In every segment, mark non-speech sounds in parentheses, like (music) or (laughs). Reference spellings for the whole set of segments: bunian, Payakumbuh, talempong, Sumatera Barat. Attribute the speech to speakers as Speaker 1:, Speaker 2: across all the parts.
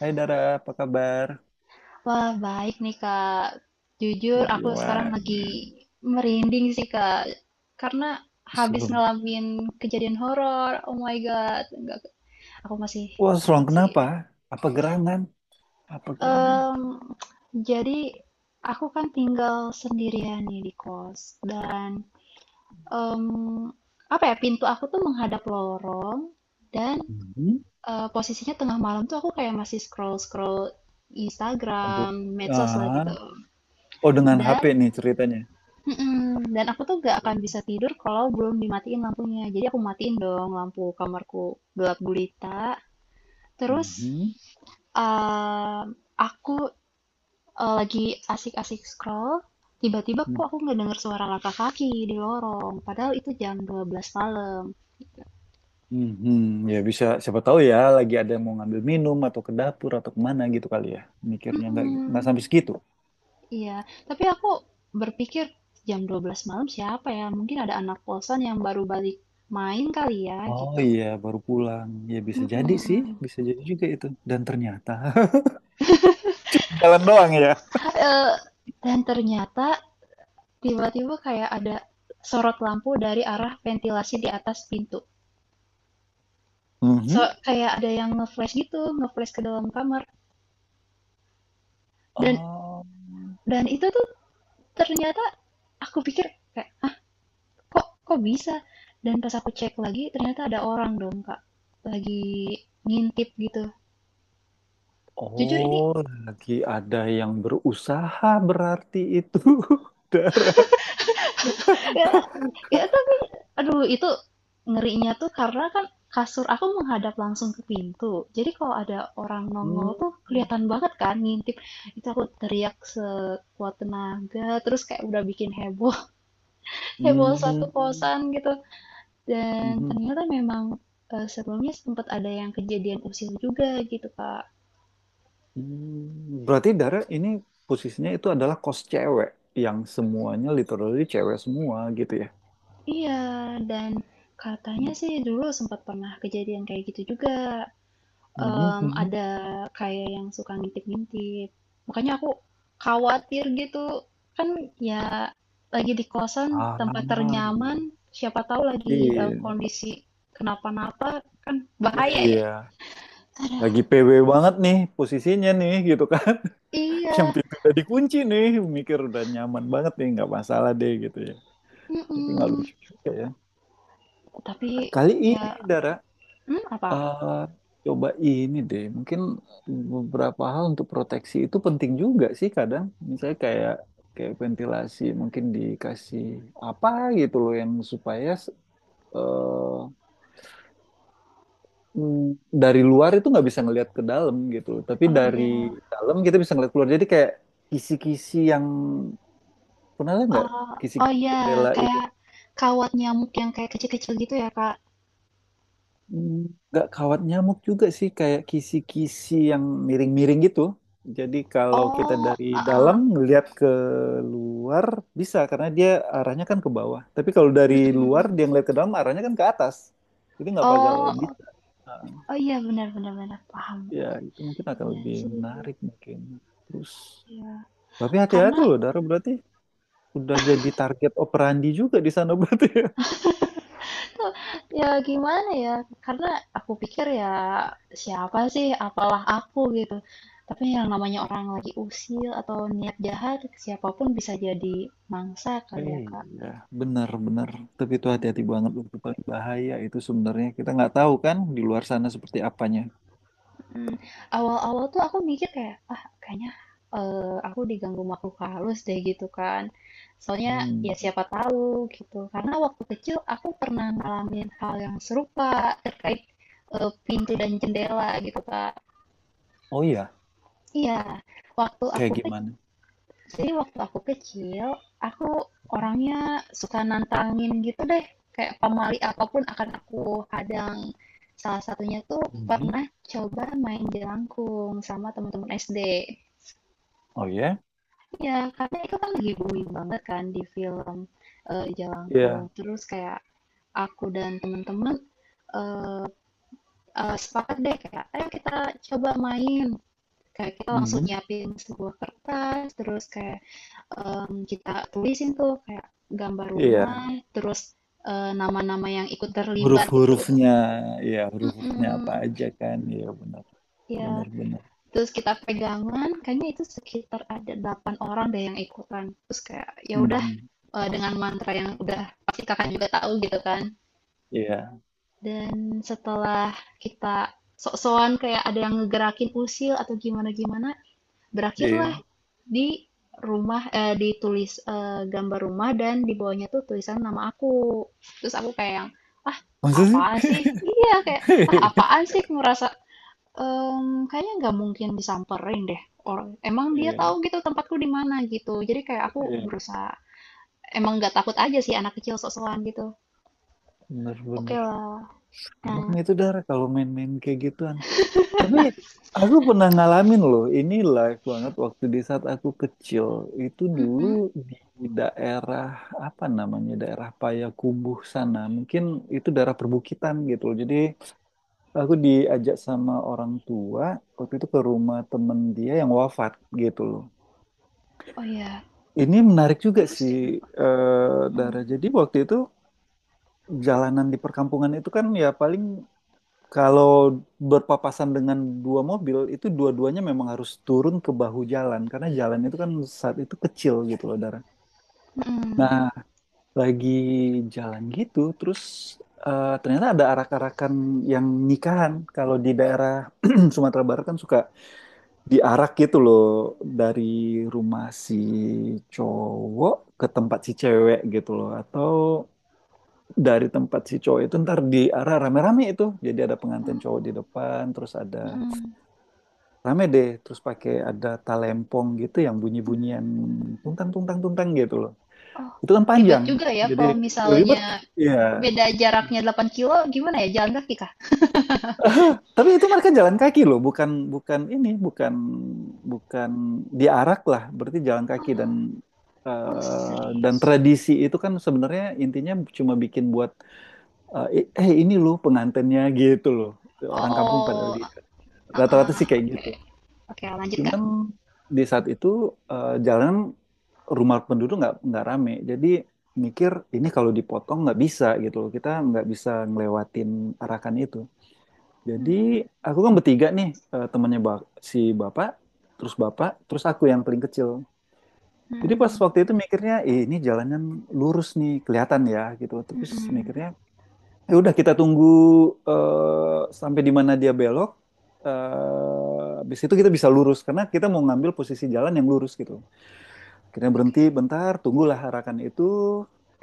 Speaker 1: Hai Dara, apa kabar?
Speaker 2: Wah, baik nih, Kak. Jujur, aku sekarang
Speaker 1: Gimana?
Speaker 2: lagi merinding sih, Kak. Karena habis
Speaker 1: Serem.
Speaker 2: ngalamin kejadian horor. Oh my God. Enggak, aku masih
Speaker 1: Wah, serem
Speaker 2: takut sih.
Speaker 1: kenapa? Apa gerangan? Apa gerangan?
Speaker 2: Em, jadi, aku kan tinggal sendirian nih di kos. Dan, em, apa ya, pintu aku tuh menghadap lorong. Dan
Speaker 1: Mhm.
Speaker 2: posisinya tengah malam tuh aku kayak masih scroll-scroll
Speaker 1: Komput.
Speaker 2: Instagram, medsos lah
Speaker 1: Ah.
Speaker 2: gitu.
Speaker 1: Oh, dengan
Speaker 2: Dan
Speaker 1: HP nih ceritanya.
Speaker 2: Mm-mm. Dan aku tuh gak akan
Speaker 1: Waduh.
Speaker 2: bisa tidur kalau belum dimatiin lampunya. Jadi aku matiin dong lampu kamarku, gelap gulita. Terus
Speaker 1: Mhm.
Speaker 2: aku lagi asik-asik scroll, tiba-tiba kok
Speaker 1: Mhm.
Speaker 2: aku ngedenger suara langkah kaki di lorong. Padahal itu jam 12 malam.
Speaker 1: Mhm. Ya bisa, siapa tahu ya lagi ada yang mau ngambil minum atau ke dapur atau kemana gitu kali ya. Mikirnya nggak
Speaker 2: Mm-mm.
Speaker 1: sampai segitu.
Speaker 2: Iya, tapi aku berpikir, jam 12 malam siapa ya? Mungkin ada anak kosan yang baru balik main kali ya
Speaker 1: Oh
Speaker 2: gitu.
Speaker 1: iya, baru pulang. Ya bisa jadi sih,
Speaker 2: Mm-mm.
Speaker 1: bisa jadi juga itu. Dan ternyata (laughs) cuma jalan doang ya.
Speaker 2: Eh, dan ternyata tiba-tiba kayak ada sorot lampu dari arah ventilasi di atas pintu. So,
Speaker 1: Mhm.
Speaker 2: kayak ada yang nge-flash gitu, nge-flash ke dalam kamar. Dan
Speaker 1: Oh.
Speaker 2: dan itu tuh ternyata, aku pikir kayak, ah, kok kok bisa? Dan pas aku cek lagi, ternyata ada orang dong, Kak. Lagi ngintip gitu. Jujur ini
Speaker 1: Oh, lagi ada yang berusaha berarti itu, (laughs) Dara.
Speaker 2: Kayak kayak, tapi aduh, itu ngerinya tuh karena kan kasur aku menghadap langsung ke pintu. Jadi kalau ada orang nongol
Speaker 1: Hmm.
Speaker 2: tuh kelihatan banget kan, ngintip. Itu aku teriak sekuat tenaga, terus kayak udah bikin heboh, (laughs) heboh satu
Speaker 1: Hmm.
Speaker 2: kosan gitu. Dan
Speaker 1: Mhm.
Speaker 2: ternyata memang sebelumnya sempat ada yang kejadian usil juga gitu, Kak.
Speaker 1: Hmm. Berarti Dara ini posisinya itu adalah kos cewek yang semuanya literally cewek semua gitu ya.
Speaker 2: Iya, dan katanya sih dulu sempat pernah kejadian kayak gitu juga.
Speaker 1: Mhm, mhm.
Speaker 2: Ada kayak yang suka ngintip-ngintip. Makanya aku khawatir gitu, kan ya lagi di kosan,
Speaker 1: Ah,
Speaker 2: tempat
Speaker 1: iya.
Speaker 2: ternyaman, siapa tahu lagi dalam
Speaker 1: Iya.
Speaker 2: kondisi kenapa-napa, kan bahaya ya.
Speaker 1: Iya.
Speaker 2: Aduh,
Speaker 1: Lagi PW banget nih posisinya nih gitu kan. (laughs) Yang
Speaker 2: iya,
Speaker 1: pintu udah dikunci nih, mikir udah nyaman banget nih, nggak masalah deh gitu ya. Tapi nggak
Speaker 2: mhm.
Speaker 1: lucu juga ya.
Speaker 2: Tapi
Speaker 1: Kali ini,
Speaker 2: ya,
Speaker 1: Dara,
Speaker 2: apa?
Speaker 1: eh, coba ini deh. Mungkin beberapa hal untuk proteksi itu penting juga sih kadang. Misalnya kayak kayak ventilasi, mungkin dikasih apa gitu loh yang supaya eh, dari luar itu nggak bisa ngelihat ke dalam gitu loh. Tapi
Speaker 2: Oh
Speaker 1: dari
Speaker 2: iya,
Speaker 1: dalam kita bisa ngelihat keluar. Jadi kayak kisi-kisi yang pernah lihat nggak
Speaker 2: eee, oh
Speaker 1: kisi-kisi
Speaker 2: iya,
Speaker 1: jendela itu?
Speaker 2: kayak kawat nyamuk yang kayak kecil-kecil gitu ya, Kak?
Speaker 1: Hmm, nggak kawat nyamuk juga sih, kayak kisi-kisi yang miring-miring gitu. Jadi kalau kita
Speaker 2: Oh,
Speaker 1: dari dalam
Speaker 2: heeh,
Speaker 1: ngelihat ke luar bisa, karena dia arahnya kan ke bawah. Tapi kalau dari luar
Speaker 2: mhm.
Speaker 1: dia ngelihat ke dalam arahnya kan ke atas. Jadi nggak bakal
Speaker 2: Oh,
Speaker 1: bisa. Nah,
Speaker 2: oh iya, benar-benar, bener, paham,
Speaker 1: ya
Speaker 2: oke.
Speaker 1: itu mungkin akan
Speaker 2: Iya
Speaker 1: lebih
Speaker 2: sih,
Speaker 1: menarik mungkin. Terus
Speaker 2: ya,
Speaker 1: tapi
Speaker 2: karena
Speaker 1: hati-hati loh Dara, berarti udah jadi target operandi juga di sana (laughs) berarti.
Speaker 2: itu ya gimana ya, karena aku pikir ya, siapa sih, apalah aku gitu. Tapi yang namanya orang lagi usil atau niat jahat, siapapun bisa jadi mangsa kali ya, Kak.
Speaker 1: Iya, benar-benar. Tapi itu hati-hati banget, loh. Itu paling bahaya itu sebenarnya. Kita nggak tahu kan di luar sana seperti apanya.
Speaker 2: Mm, Awal-awal tuh aku mikir kayak, ah kayaknya aku diganggu makhluk halus deh gitu kan. Soalnya
Speaker 1: Hmm.
Speaker 2: ya siapa tahu gitu. Karena waktu kecil aku pernah ngalamin hal yang serupa terkait pintu dan jendela gitu, Kak.
Speaker 1: Oh iya,
Speaker 2: Iya, waktu aku
Speaker 1: kayak
Speaker 2: ke
Speaker 1: gimana?
Speaker 2: jadi waktu aku kecil, aku orangnya suka nantangin gitu deh, kayak pamali apapun akan aku hadang. Salah satunya tuh
Speaker 1: Mhm.
Speaker 2: pernah coba main jelangkung sama teman-teman SD.
Speaker 1: Oh iya,
Speaker 2: Ya, karena itu kan lagi booming banget kan di film Jelangkung.
Speaker 1: iya.
Speaker 2: Terus kayak aku dan teman-teman eh, sepakat deh kayak, ayo kita coba main. Kayak kita langsung
Speaker 1: Mhm.
Speaker 2: nyiapin sebuah kertas, terus kayak kita tulisin tuh kayak gambar
Speaker 1: Iya.
Speaker 2: rumah, terus nama-nama yang ikut terlibat gitu.
Speaker 1: Huruf-hurufnya, iya huruf-hurufnya
Speaker 2: Mm-mm.
Speaker 1: apa aja kan? Iya benar,
Speaker 2: Ya,
Speaker 1: benar-benar.
Speaker 2: terus kita pegangan, kayaknya itu sekitar ada 8 orang deh yang ikutan. Terus kayak ya udah
Speaker 1: Mhm.
Speaker 2: dengan mantra yang udah pasti kakak juga tahu gitu kan.
Speaker 1: Iya,
Speaker 2: Dan setelah kita sok-sokan kayak ada yang ngegerakin usil atau gimana-gimana, berakhirlah
Speaker 1: iya.
Speaker 2: di gambar rumah, dan di bawahnya tuh tulisan nama aku. Terus aku kayak yang, ah
Speaker 1: Masa sih?
Speaker 2: apaan sih, iya kayak, ah apaan
Speaker 1: (laughs)
Speaker 2: sih, ngerasa kayaknya nggak mungkin disamperin deh, orang emang dia
Speaker 1: Iya,
Speaker 2: tahu gitu tempatku di mana gitu. Jadi kayak aku
Speaker 1: iya.
Speaker 2: berusaha emang nggak takut aja sih, anak kecil sok-sokan gitu, oke
Speaker 1: Benar-benar.
Speaker 2: lah, nah,
Speaker 1: Serem itu darah kalau main-main kayak gituan. Tapi aku pernah ngalamin loh, ini live banget waktu di saat aku kecil. Itu dulu
Speaker 2: mm-mm.
Speaker 1: di daerah apa namanya? Daerah Payakumbuh sana. Mungkin itu daerah perbukitan gitu loh. Jadi aku diajak sama orang tua waktu itu ke rumah temen dia yang wafat gitu loh.
Speaker 2: Oh ya,
Speaker 1: Ini menarik juga
Speaker 2: terus
Speaker 1: sih,
Speaker 2: gimana Pak?
Speaker 1: Dara.
Speaker 2: Mm,
Speaker 1: Jadi waktu itu jalanan di perkampungan itu, kan ya paling, kalau berpapasan dengan dua mobil itu dua-duanya memang harus turun ke bahu jalan karena jalan itu kan saat itu kecil gitu loh Dara.
Speaker 2: mm,
Speaker 1: Nah, lagi jalan gitu terus ternyata ada arak-arakan yang nikahan. Kalau di daerah (clears throat) Sumatera Barat kan suka diarak gitu loh, dari rumah si cowok ke tempat si cewek gitu loh, atau dari tempat si cowok itu ntar diarak rame-rame itu. Jadi ada pengantin cowok di depan, terus ada.
Speaker 2: mm.
Speaker 1: Rame deh, terus pakai ada talempong gitu yang bunyi-bunyian tungtang tungtang tungtang gitu loh.
Speaker 2: Oh,
Speaker 1: Itu kan
Speaker 2: ribet
Speaker 1: panjang.
Speaker 2: juga ya
Speaker 1: Jadi
Speaker 2: kalau
Speaker 1: ribet.
Speaker 2: misalnya
Speaker 1: Iya.
Speaker 2: beda jaraknya 8 kilo, gimana ya? Jalan kaki kah?
Speaker 1: (laughs) Tapi itu mereka jalan kaki loh, bukan bukan ini, bukan bukan diarak lah, berarti jalan kaki dan
Speaker 2: Oh,
Speaker 1: dan
Speaker 2: serius.
Speaker 1: tradisi itu kan sebenarnya intinya cuma bikin buat ini loh pengantennya gitu loh. Orang kampung pada
Speaker 2: Oh, ah,
Speaker 1: lihat. Rata-rata sih
Speaker 2: ah,
Speaker 1: kayak
Speaker 2: oke.
Speaker 1: gitu.
Speaker 2: Oke, lanjut, Kak.
Speaker 1: Cuman di saat itu jalanan rumah penduduk nggak rame. Jadi mikir ini kalau dipotong nggak bisa gitu loh. Kita nggak bisa ngelewatin arakan itu. Jadi
Speaker 2: Hmm,
Speaker 1: aku kan bertiga nih, eh, temannya ba- si bapak, terus aku yang paling kecil. Jadi pas
Speaker 2: hmm,
Speaker 1: waktu itu mikirnya, "Ih, ini jalannya lurus nih, kelihatan ya gitu.
Speaker 2: hmm,
Speaker 1: Terus
Speaker 2: hmm.
Speaker 1: mikirnya ya udah kita tunggu sampai di mana dia belok. Habis itu kita bisa lurus karena kita mau ngambil posisi jalan yang lurus gitu. Kita berhenti
Speaker 2: Oke.
Speaker 1: bentar, tunggulah harakan itu.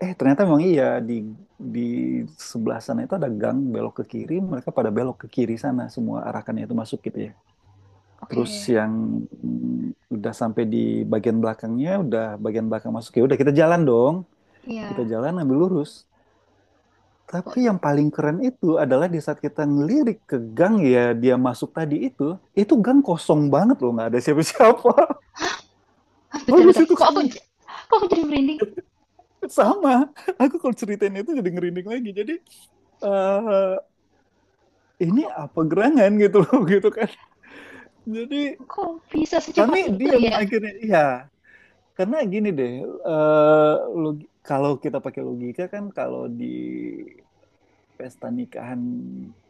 Speaker 1: Ternyata memang iya, di di sebelah sana itu ada gang belok ke kiri. Mereka pada belok ke kiri sana semua, harakannya itu masuk gitu ya. Terus
Speaker 2: Oke.
Speaker 1: yang udah sampai di bagian belakangnya, udah bagian belakang masuk, ya udah kita jalan dong. Kita
Speaker 2: Iya.
Speaker 1: jalan ambil lurus.
Speaker 2: Oh,
Speaker 1: Tapi yang paling keren itu adalah di saat kita ngelirik ke gang ya dia masuk tadi itu gang kosong banget loh, nggak ada siapa-siapa.
Speaker 2: ah,
Speaker 1: (laughs)
Speaker 2: bentar,
Speaker 1: Habis
Speaker 2: bentar.
Speaker 1: itu kan
Speaker 2: Kok aku jadi merinding? Oh,
Speaker 1: sama. Aku kalau ceritain itu jadi ngerinding lagi. Jadi eh ini
Speaker 2: kok,
Speaker 1: apa gerangan gitu loh (laughs) gitu kan. Jadi
Speaker 2: kok bisa secepat
Speaker 1: kami
Speaker 2: itu
Speaker 1: diam
Speaker 2: ya?
Speaker 1: akhirnya. Iya, karena gini deh. eh, kalau kita pakai logika kan, kalau di pesta nikahan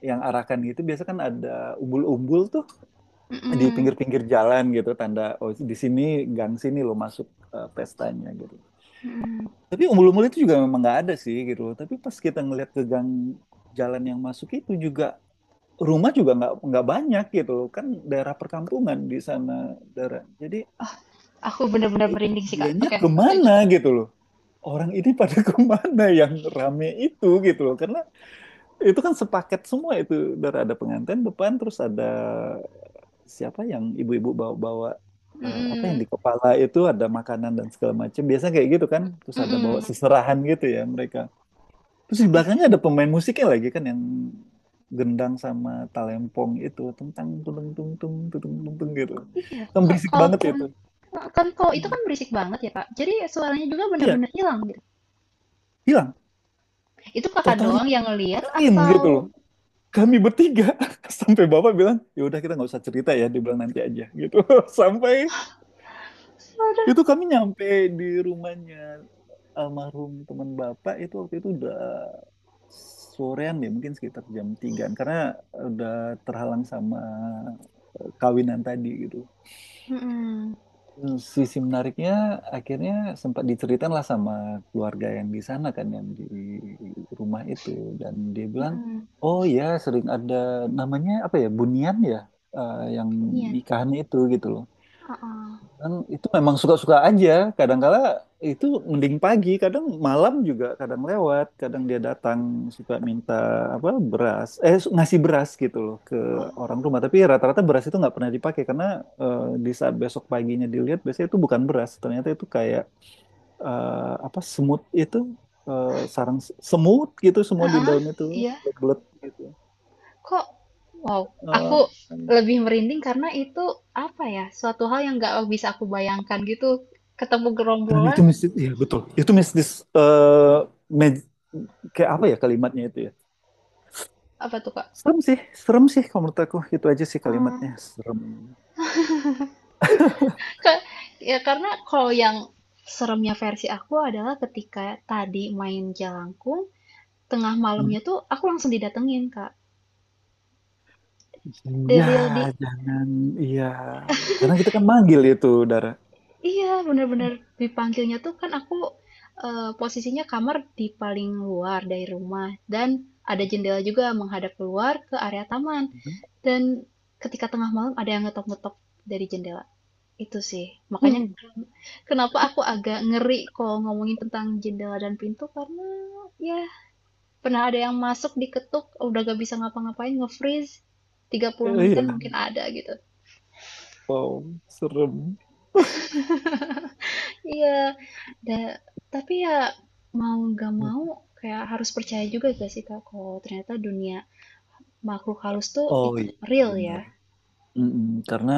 Speaker 1: yang arakan gitu biasa kan ada umbul-umbul tuh, di
Speaker 2: Hmm,
Speaker 1: pinggir-pinggir jalan gitu tanda oh di sini gang sini lo masuk pestanya gitu.
Speaker 2: hmm.
Speaker 1: Tapi umbul-umbul itu juga memang nggak ada sih gitu, tapi pas kita ngelihat ke gang jalan yang masuk itu juga, rumah juga nggak banyak gitu loh, kan daerah perkampungan di sana daerah. Jadi
Speaker 2: Aku benar-benar
Speaker 1: eh,
Speaker 2: merinding sih, Kak.
Speaker 1: dianya
Speaker 2: Oke,
Speaker 1: kemana
Speaker 2: lanjut.
Speaker 1: gitu loh, orang ini pada (laughs) kemana yang rame itu gitu loh, karena itu kan sepaket semua itu. Dari ada pengantin depan, terus ada siapa yang ibu-ibu bawa-bawa apa
Speaker 2: Hmm,
Speaker 1: yang di kepala itu, ada makanan dan segala macam. Biasanya kayak gitu kan. Terus ada bawa
Speaker 2: hmm.
Speaker 1: seserahan gitu ya mereka. Terus
Speaker 2: Oh
Speaker 1: di
Speaker 2: my God.
Speaker 1: belakangnya ada pemain musiknya lagi kan, yang gendang sama talempong itu tentang tung tung tung tung tung tung tung gitu.
Speaker 2: Iya,
Speaker 1: Kan
Speaker 2: ka-
Speaker 1: berisik banget
Speaker 2: kalaupun
Speaker 1: itu.
Speaker 2: nah, kan kalau itu
Speaker 1: Hmm.
Speaker 2: kan berisik banget ya, Kak. Jadi suaranya juga
Speaker 1: Iya,
Speaker 2: benar-benar hilang gitu.
Speaker 1: hilang.
Speaker 2: Itu kakak
Speaker 1: Totally
Speaker 2: doang yang ngelihat
Speaker 1: clean
Speaker 2: atau?
Speaker 1: gitu loh. Kami bertiga (laughs) sampai bapak bilang ya udah kita nggak usah cerita ya, dibilang nanti aja gitu. (laughs) Sampai itu
Speaker 2: Ada.
Speaker 1: kami nyampe di rumahnya almarhum teman bapak itu waktu itu udah sorean, deh mungkin sekitar jam tigaan karena udah terhalang sama kawinan tadi gitu.
Speaker 2: Mm-mm.
Speaker 1: Sisi menariknya akhirnya sempat diceritain lah sama keluarga yang di sana kan, yang di rumah itu, dan dia bilang
Speaker 2: Mm-mm.
Speaker 1: oh ya sering ada namanya apa ya, bunian ya, yang
Speaker 2: Niat?
Speaker 1: nikahan itu gitu loh,
Speaker 2: Uh-uh.
Speaker 1: dan itu memang suka-suka aja. Kadangkala itu mending pagi, kadang malam juga, kadang lewat, kadang dia datang suka minta apa beras, ngasih beras gitu loh ke orang
Speaker 2: Oh.
Speaker 1: rumah. Tapi rata-rata beras itu nggak pernah dipakai karena di saat besok paginya dilihat biasanya itu bukan beras, ternyata itu kayak eh, apa semut itu, eh, semut gitu semua di
Speaker 2: Heeh,
Speaker 1: dalam itu
Speaker 2: iya.
Speaker 1: belet gitu.
Speaker 2: Kok, wow, aku
Speaker 1: Eh,
Speaker 2: lebih merinding karena itu, apa ya? Suatu hal yang nggak bisa aku bayangkan gitu. Ketemu
Speaker 1: dan
Speaker 2: gerombolan
Speaker 1: itu mistis, ya betul. Itu mistis eh, me- kayak apa ya kalimatnya itu ya?
Speaker 2: apa tuh, Kak?
Speaker 1: Serem sih, serem sih kalau menurut aku. Itu aja sih kalimatnya, serem.
Speaker 2: Ka- ya karena kalau yang seremnya versi aku adalah ketika tadi main jalangkung, tengah malamnya tuh aku langsung didatengin, Kak. The
Speaker 1: Iya,
Speaker 2: real di
Speaker 1: jangan, iya. Karena kita kan manggil itu, Dara.
Speaker 2: Iya, bener-bener, dipanggilnya tuh, kan aku posisinya kamar di paling luar dari rumah, dan ada jendela juga menghadap keluar ke area taman. Dan ketika tengah malam ada yang ngetok-ngetok dari jendela. Itu sih. Makanya kenapa aku agak ngeri kalau ngomongin tentang jendela dan pintu, karena ya, pernah ada yang masuk, diketuk, udah gak bisa ngapa-ngapain, nge-freeze tiga puluh menitan
Speaker 1: Iya,
Speaker 2: mungkin ada gitu.
Speaker 1: wow, serem.
Speaker 2: Iya, da tapi ya, mau nggak mau kayak harus percaya juga gak sih, Kak, kalau ternyata dunia makhluk halus tuh
Speaker 1: Oh
Speaker 2: itu
Speaker 1: iya,
Speaker 2: real ya.
Speaker 1: benar. Mm-mm. Karena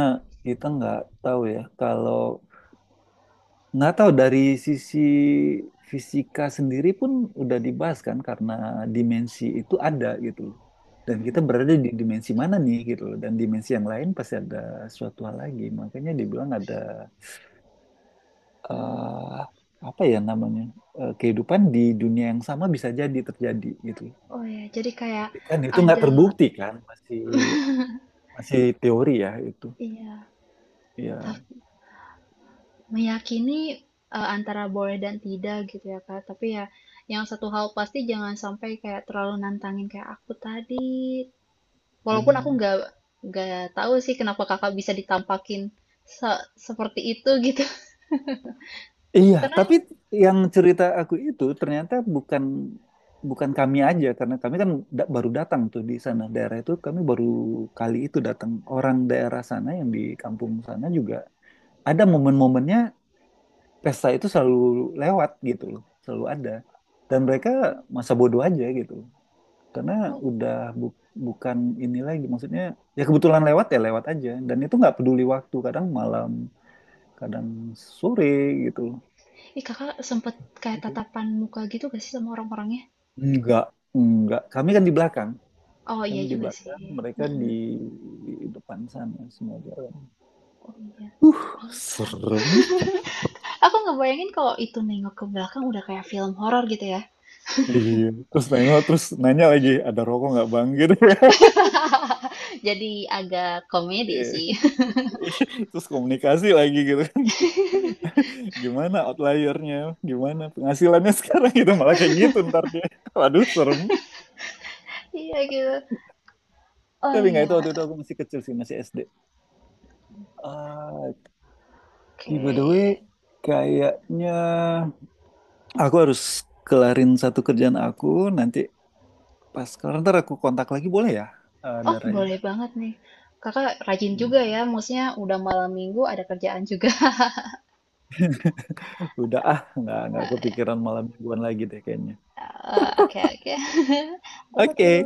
Speaker 1: kita nggak tahu ya, kalau nggak tahu dari sisi fisika sendiri pun udah dibahas kan, karena dimensi itu ada gitu loh. Dan kita berada di dimensi mana nih gitu loh. Dan dimensi yang lain pasti ada suatu hal lagi. Makanya dibilang ada
Speaker 2: Hmm,
Speaker 1: eh apa ya namanya, kehidupan di dunia yang sama bisa jadi terjadi gitu.
Speaker 2: oh ya, jadi kayak
Speaker 1: Tapi kan itu nggak
Speaker 2: ada,
Speaker 1: terbukti kan, masih masih teori ya itu.
Speaker 2: iya, ta-
Speaker 1: Ya
Speaker 2: meyakini antara boleh dan tidak gitu ya, Kak. Tapi ya, yang satu hal pasti, jangan sampai kayak terlalu nantangin kayak aku tadi. Walaupun aku
Speaker 1: benar.
Speaker 2: nggak tahu sih kenapa Kakak bisa ditampakin seperti itu gitu.
Speaker 1: Iya,
Speaker 2: (laughs) Karena
Speaker 1: tapi yang cerita aku itu ternyata bukan bukan kami aja, karena kami kan baru datang tuh di sana, daerah itu kami baru kali itu datang. Orang daerah sana yang di kampung sana juga ada momen-momennya, pesta itu selalu lewat gitu loh, selalu ada, dan mereka masa bodoh aja gitu loh. Karena udah bu- bukan ini lagi maksudnya, ya kebetulan lewat ya lewat aja, dan itu nggak peduli waktu, kadang malam kadang sore gitu
Speaker 2: Ih, Kakak sempet kayak
Speaker 1: loh.
Speaker 2: tatapan muka gitu gak sih sama orang-orangnya?
Speaker 1: Enggak, enggak. Kami kan di belakang.
Speaker 2: Oh iya
Speaker 1: Kami di
Speaker 2: juga
Speaker 1: belakang,
Speaker 2: sih.
Speaker 1: mereka di
Speaker 2: Mm-mm.
Speaker 1: depan sana semua jalan.
Speaker 2: Oh iya.
Speaker 1: Uh, serem.
Speaker 2: Aku nggak bayangin kalau itu nengok ke belakang, udah kayak film horor gitu ya.
Speaker 1: Iya. Terus nengok, terus nanya lagi, ada rokok nggak bang? Gitu ya. (laughs)
Speaker 2: Jadi agak komedi
Speaker 1: Iya.
Speaker 2: sih. (laughs)
Speaker 1: Terus komunikasi lagi gitu kan. (laughs) Gimana outliernya? Gimana penghasilannya sekarang gitu? Malah kayak gitu ntar dia. (laughs) Waduh, serem.
Speaker 2: Iya gitu. Oh
Speaker 1: Tapi nggak,
Speaker 2: iya.
Speaker 1: itu waktu itu aku masih kecil sih, masih SD. Ah, Ki, by the way,
Speaker 2: Oke.
Speaker 1: kayaknya aku harus kelarin satu kerjaan aku, nanti pas kelar ntar aku kontak lagi boleh ya,
Speaker 2: Oh,
Speaker 1: Daranya?
Speaker 2: boleh banget nih. Kakak rajin juga
Speaker 1: Iya.
Speaker 2: ya. Maksudnya udah malam minggu ada kerjaan juga. (laughs)
Speaker 1: Udah ah, nggak kepikiran malam mingguan lagi deh kayaknya.
Speaker 2: Eh, oke oke. (laughs) Aku tuh
Speaker 1: Oke.